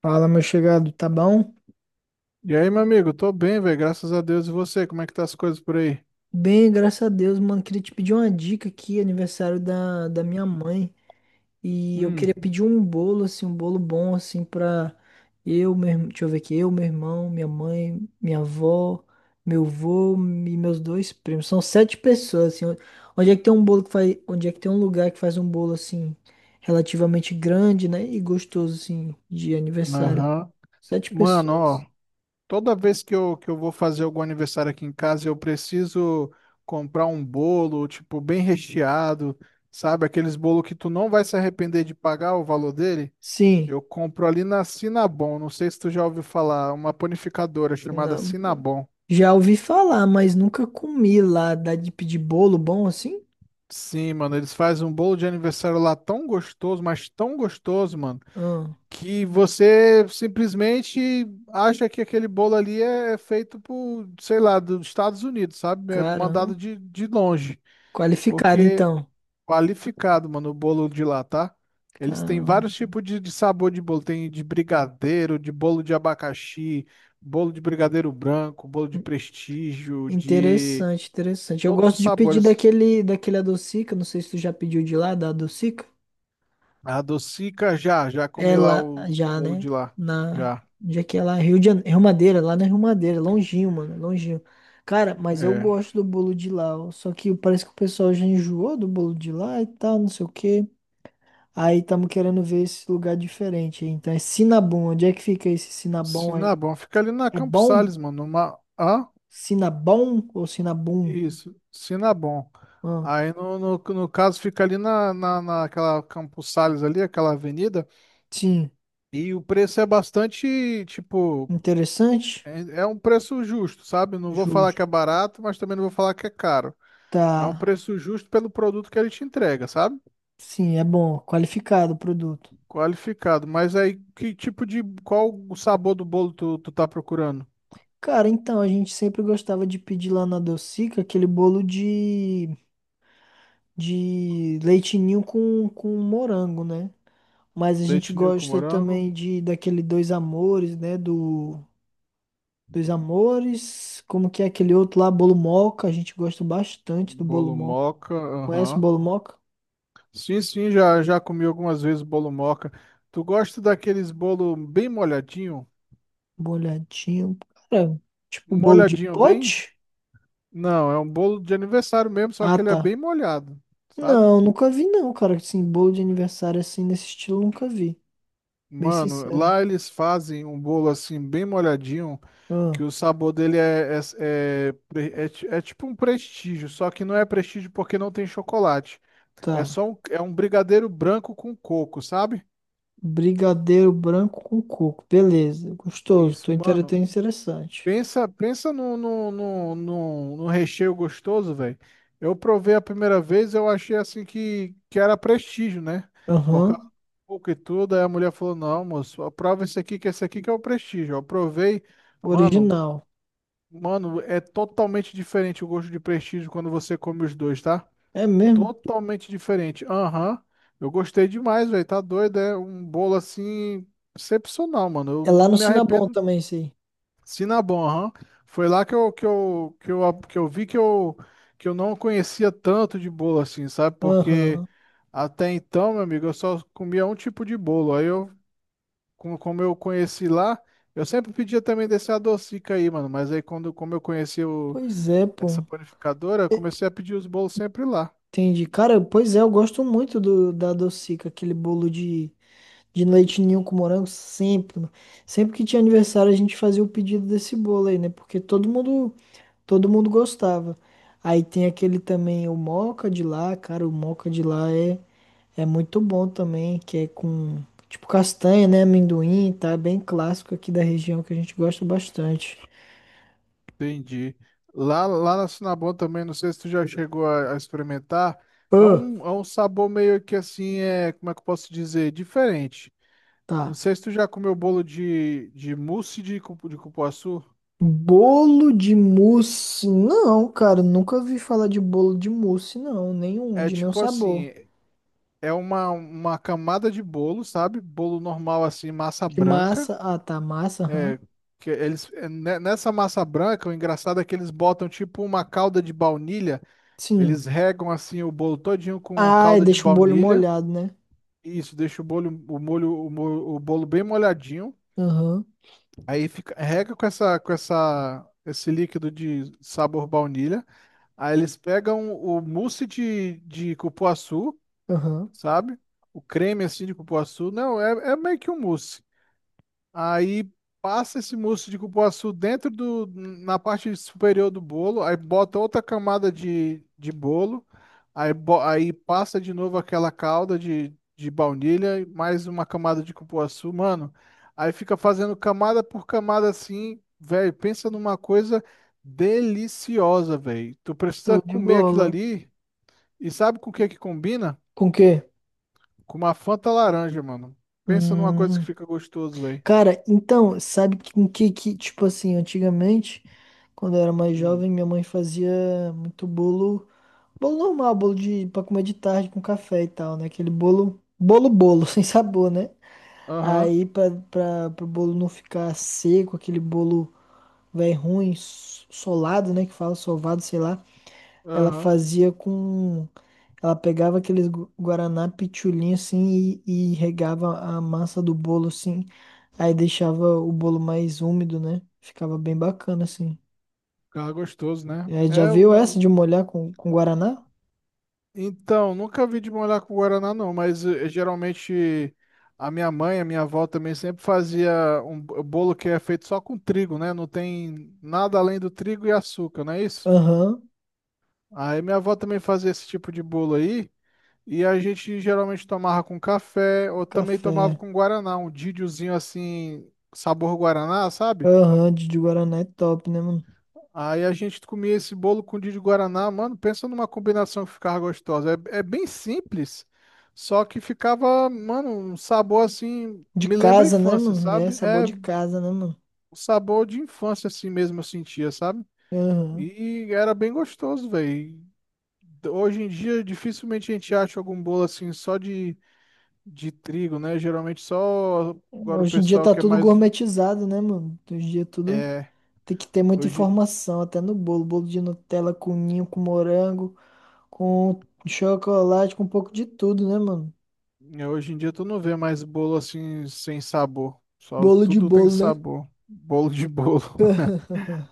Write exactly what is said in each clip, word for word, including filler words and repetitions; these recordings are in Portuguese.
Fala, meu chegado, tá bom? E aí, meu amigo, tô bem, velho, graças a Deus. E você, como é que tá as coisas por aí? Bem, graças a Deus, mano. Queria te pedir uma dica aqui, aniversário da, da minha mãe. E eu Hum, queria pedir um bolo, assim, um bolo bom, assim, pra eu, meu, irm- deixa eu ver aqui. Eu, meu irmão, minha mãe, minha avó, meu avô e meus dois primos. São sete pessoas, assim. Onde é que tem um bolo que faz, onde é que tem um lugar que faz um bolo, assim, relativamente grande, né? E gostoso, assim, de aniversário. aham. Sete Mano, pessoas. ó, toda vez que eu, que eu vou fazer algum aniversário aqui em casa, eu preciso comprar um bolo, tipo, bem recheado, sabe? Aqueles bolos que tu não vai se arrepender de pagar o valor dele. Sim. Eu compro ali na Cinnabon, não sei se tu já ouviu falar, uma panificadora chamada Não. Cinnabon. Já ouvi falar, mas nunca comi lá. Dá de pedir bolo bom assim? Sim, mano, eles fazem um bolo de aniversário lá tão gostoso, mas tão gostoso, mano, Ah, que você simplesmente acha que aquele bolo ali é feito por, sei lá, dos Estados Unidos, sabe? É caramba. mandado de, de longe. Qualificado Porque então. qualificado, mano, o bolo de lá, tá? Eles têm Caramba. vários tipos de, de sabor de bolo. Tem de brigadeiro, de bolo de abacaxi, bolo de brigadeiro branco, bolo de prestígio, de Interessante, interessante. Eu todos os gosto de pedir sabores. daquele, daquele adocica. Não sei se tu já pediu de lá, da adocica. A docica já, já É comi lá lá o já, bolo né? de lá. Na. Já. Onde é que é lá? Rio de Janeiro, Rio Madeira, lá na Rio Madeira, longinho, mano, longinho. Cara, mas eu É. gosto do bolo de lá, ó, só que parece que o pessoal já enjoou do bolo de lá e tal, não sei o quê. Aí estamos querendo ver esse lugar diferente. Então é Sinabum. Onde é que fica esse Sinabum aí? Sinabon, fica ali na É Campos bom? Sales, mano. Uma... Hã? Sinabum ou Sinabum? Isso, Sinabon. Ah, Aí no, no, no caso fica ali na, na, naquela Campos Sales ali, aquela avenida, sim. e o preço é bastante, tipo, Interessante? é, é um preço justo, sabe? Não vou falar que Justo. é barato, mas também não vou falar que é caro. É um Tá. preço justo pelo produto que ele te entrega, sabe? Sim, é bom. Qualificado o produto. Qualificado. Mas aí, que tipo de, qual o sabor do bolo tu, tu tá procurando? Cara, então a gente sempre gostava de pedir lá na Docica aquele bolo de, de leitinho com, com morango, né? Mas a gente Leite ninho com gosta morango, também de daquele Dois Amores, né? Do Dois Amores, como que é aquele outro lá, Bolo Moca, a gente gosta bastante do Bolo bolo Moca. moca, Conhece o aham. Bolo Moca? Sim, sim, já, já comi algumas vezes bolo moca. Tu gosta daqueles bolo bem molhadinho? Bolhadinho, cara, tipo bolo de Molhadinho bem? pote? Não, é um bolo de aniversário mesmo, só Ah, que ele é tá. bem molhado, sabe? Não, nunca vi não, cara, assim, bolo de aniversário assim, nesse estilo, nunca vi, bem Mano, sincero. lá eles fazem um bolo assim bem molhadinho, que Ah, o sabor dele é, é, é, pre- é ti- é tipo um prestígio, só que não é prestígio porque não tem chocolate. É tá. só um, é um brigadeiro branco com coco, sabe? Brigadeiro branco com coco, beleza, gostoso, Isso, tô mano. entretenido, interessante. Pensa, pensa no, no, no, no, no recheio gostoso, velho. Eu provei a primeira vez, eu achei assim que, que era prestígio, né? Por causa Aham, do pouco e tudo. Aí a mulher falou: Não, moço, prova esse aqui, que esse aqui que é o prestígio. Eu provei, mano, original. mano, é totalmente diferente o gosto de prestígio quando você come os dois, tá? É mesmo? Totalmente diferente. Aham, eu gostei demais, velho. Tá doido, é um bolo assim excepcional, mano. Eu É lá não no me Sinabon arrependo. também, isso aí. Cinnabon, aham. Foi lá que eu, que eu, que eu, que eu vi que eu, que eu não conhecia tanto de bolo assim, sabe? Porque Aham, até então, meu amigo, eu só comia um tipo de bolo. Aí eu, como, como eu conheci lá, eu sempre pedia também desse adocica aí, mano. Mas aí quando, como eu conheci o, pois é, essa pô. panificadora, eu comecei a pedir os bolos sempre lá. Entendi. Cara, pois é, eu gosto muito do, da Docica, aquele bolo de, de leite ninho com morango, sempre, mano. Sempre que tinha aniversário, a gente fazia o pedido desse bolo aí, né? Porque todo mundo, todo mundo gostava. Aí tem aquele também, o moca de lá, cara, o moca de lá é, é muito bom também, que é com, tipo, castanha, né? Amendoim, tá? Bem clássico aqui da região que a gente gosta bastante. Entendi. Lá, lá na Cinnabon também, não sei se tu já chegou a, a experimentar. É Ah, um, é um sabor meio que assim, é, como é que eu posso dizer? Diferente. Não tá. sei se tu já comeu bolo de, de mousse de, cupu- de cupuaçu. Bolo de mousse? Não, cara, nunca vi falar de bolo de mousse, não. Nenhum, É de nenhum tipo sabor. assim, é uma, uma camada de bolo, sabe? Bolo normal assim, massa De branca. massa? Ah, tá, massa, aham. É, que eles, é, ne- nessa massa branca, o engraçado é que eles botam tipo uma calda de baunilha. Sim. Eles regam assim o bolo todinho com Ai, calda de deixa um bolo baunilha. molhado, né? Isso, deixa o bolo, o molho, o, mo- o bolo bem molhadinho. Aham, Aí fica, rega com essa, com essa, esse líquido de sabor baunilha. Aí eles pegam o mousse de, de cupuaçu, aham. sabe? O creme assim de cupuaçu. Não, é, é meio que um mousse. Aí passa esse mousse de cupuaçu dentro do, na parte superior do bolo, aí bota outra camada de, de bolo, aí, bo- aí passa de novo aquela calda de, de baunilha, e mais uma camada de cupuaçu, mano. Aí fica fazendo camada por camada assim, velho. Pensa numa coisa deliciosa, velho. Tu precisa Show de comer aquilo bola. ali e sabe com o que é que combina? Com o quê? Com uma Fanta laranja, mano. Pensa numa coisa que Hum. fica gostoso, velho. Cara, então, sabe que- com que, que, tipo assim, antigamente, quando eu era mais Hum. jovem, minha mãe fazia muito bolo, bolo normal, bolo de, pra comer de tarde com café e tal, né? Aquele bolo, bolo, bolo, sem sabor, né? Aham. Aí pra, pra, pro bolo não ficar seco, aquele bolo velho ruim, s- solado, né? Que fala sovado, sei lá. Ela Aham. fazia com. Ela pegava aqueles gu- guaraná pitulinho assim e, e regava a massa do bolo assim. Aí deixava o bolo mais úmido, né? Ficava bem bacana assim. Ficava gostoso, né? É, já É, o viu essa meu- de molhar com, com guaraná? Então, nunca vi de molhar com guaraná, não, mas eh, geralmente a minha mãe, a minha avó também sempre fazia um bo- bolo que é feito só com trigo, né? Não tem nada além do trigo e açúcar, não é isso? Aham, Aí minha avó também fazia esse tipo de bolo aí, e a gente geralmente tomava com café, ou também tomava café. com guaraná, um didiozinho assim, sabor guaraná, sabe? Aham, de, de guaraná é top, né, mano? Aí a gente comia esse bolo com de guaraná, mano, pensa numa combinação que ficava gostosa. É, é bem simples, só que ficava, mano, um sabor assim, De me lembra a casa, né, infância, mano? É sabe? sabor É de casa, né, mano? o sabor de infância assim mesmo eu sentia, sabe? Aham. E era bem gostoso, velho. Hoje em dia dificilmente a gente acha algum bolo assim só de, de trigo, né? Geralmente só agora o Hoje em dia pessoal tá que é tudo mais gourmetizado, né, mano? Hoje em dia tudo é, tem que ter muita hoje, informação, até no bolo. Bolo de Nutella com ninho, com morango, com chocolate, com um pouco de tudo, né, mano? é, hoje em dia tu não vê mais bolo assim sem sabor. Só Bolo de tudo tem bolo, né? sabor. Bolo de bolo.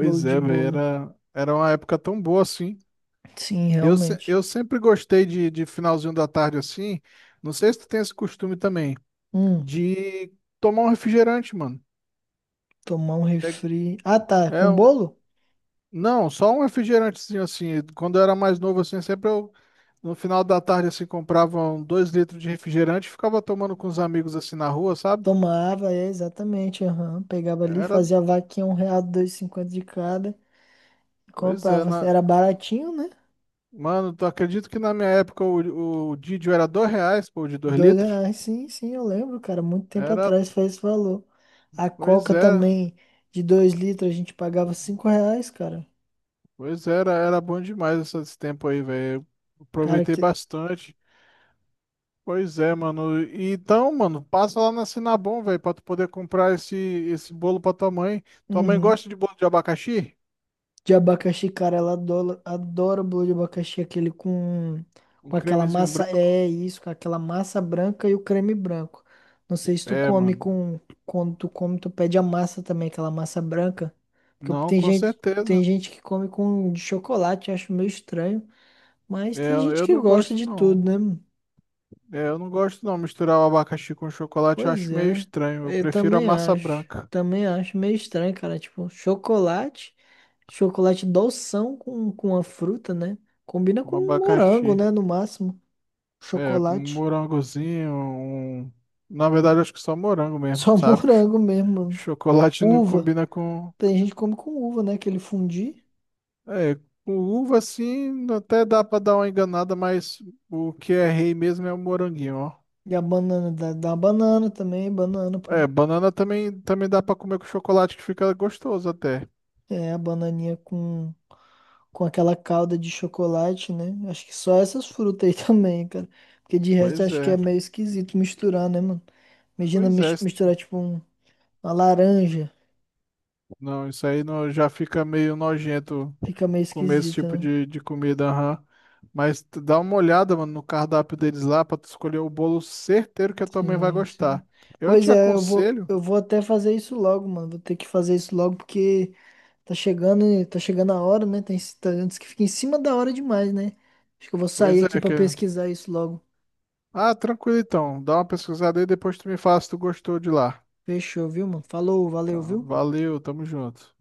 Bolo de é, velho. bolo. Era, era uma época tão boa assim. Sim, Eu, se- realmente. eu sempre gostei de, de finalzinho da tarde assim. Não sei se tu tem esse costume também. Hum, De tomar um refrigerante, mano. tomar um É, refri. Ah, tá. é Com um- bolo? não, só um refrigerantezinho assim. Quando eu era mais novo assim, sempre eu. No final da tarde, assim, comprava um, dois litros de refrigerante e ficava tomando com os amigos assim na rua, sabe? Tomava, é, exatamente. Aham. Pegava ali, Era, fazia a vaquinha, um real, dois e cinquenta de cada. pois é, Comprava. na, Era baratinho, né? mano, tu acredito que na minha época o, o Didio era dois reais, pô, de dois Dois litros? reais, sim, sim, eu lembro, cara. Muito tempo Era, atrás foi esse valor. A pois Coca é, também, de dois litros, a gente pagava cinco reais, cara. pois é, era, era bom demais esse esse tempo aí, velho. Cara, Aproveitei que. bastante. Pois é, mano. E então, mano, passa lá na Sinabom, velho, pra tu poder comprar esse, esse bolo pra tua mãe. Tua mãe Uhum. gosta de bolo de abacaxi? De abacaxi, cara, ela adora, adora o bolo de abacaxi, aquele com, Um com aquela cremezinho massa, branco? é isso, com aquela massa branca e o creme branco. Não sei se tu É, come mano. com, quando tu come, tu pede a massa também, aquela massa branca. Porque Não, tem com gente, tem certeza. gente que come com de chocolate, acho meio estranho, mas É, tem gente eu que não gosta gosto, de tudo, não. né? É, eu não gosto, não. Misturar o abacaxi com chocolate eu Pois acho meio é, estranho. Eu eu prefiro a também massa acho. branca. Também acho meio estranho, cara. Tipo, chocolate, chocolate doção com, com a fruta, né? Combina com Um um morango, abacaxi. né? No máximo. É, com um Chocolate. morangozinho, um... Na verdade, acho que só morango mesmo, Só sabe? Cho- morango mesmo, mano. Chocolate não Uva. combina com... Tem gente que come com uva, né? Aquele fundi. É, com uva, assim, até dá pra dar uma enganada, mas o que é rei mesmo é o moranguinho, ó. E a banana, dá, dá uma banana também, banana, pô. É, banana também, também dá pra comer com chocolate, que fica gostoso até. É, a bananinha com, com, aquela calda de chocolate, né? Acho que só essas frutas aí também, cara. Porque de resto Pois acho que é é. meio esquisito misturar, né, mano? Imagina Pois mis- é. misturar tipo um- uma laranja, Não, isso aí não, já fica meio nojento fica meio comer esse tipo esquisita, né? de, de comida, aham. Mas tu dá uma olhada, mano, no cardápio deles lá pra tu escolher o bolo certeiro que a tua mãe vai Sim, gostar. sim. Eu Pois te é, eu vou, aconselho, eu vou até fazer isso logo, mano. Vou ter que fazer isso logo porque tá chegando, e- tá chegando a hora, né? Tem, tá- antes que fique em cima da hora demais, né? Acho que eu vou sair pois aqui é, pra que... pesquisar isso logo. Ah, tranquilo então, dá uma pesquisada aí, depois tu me fala se tu gostou de lá. Fechou, viu, mano? Falou, Tá, valeu, viu? valeu, tamo junto.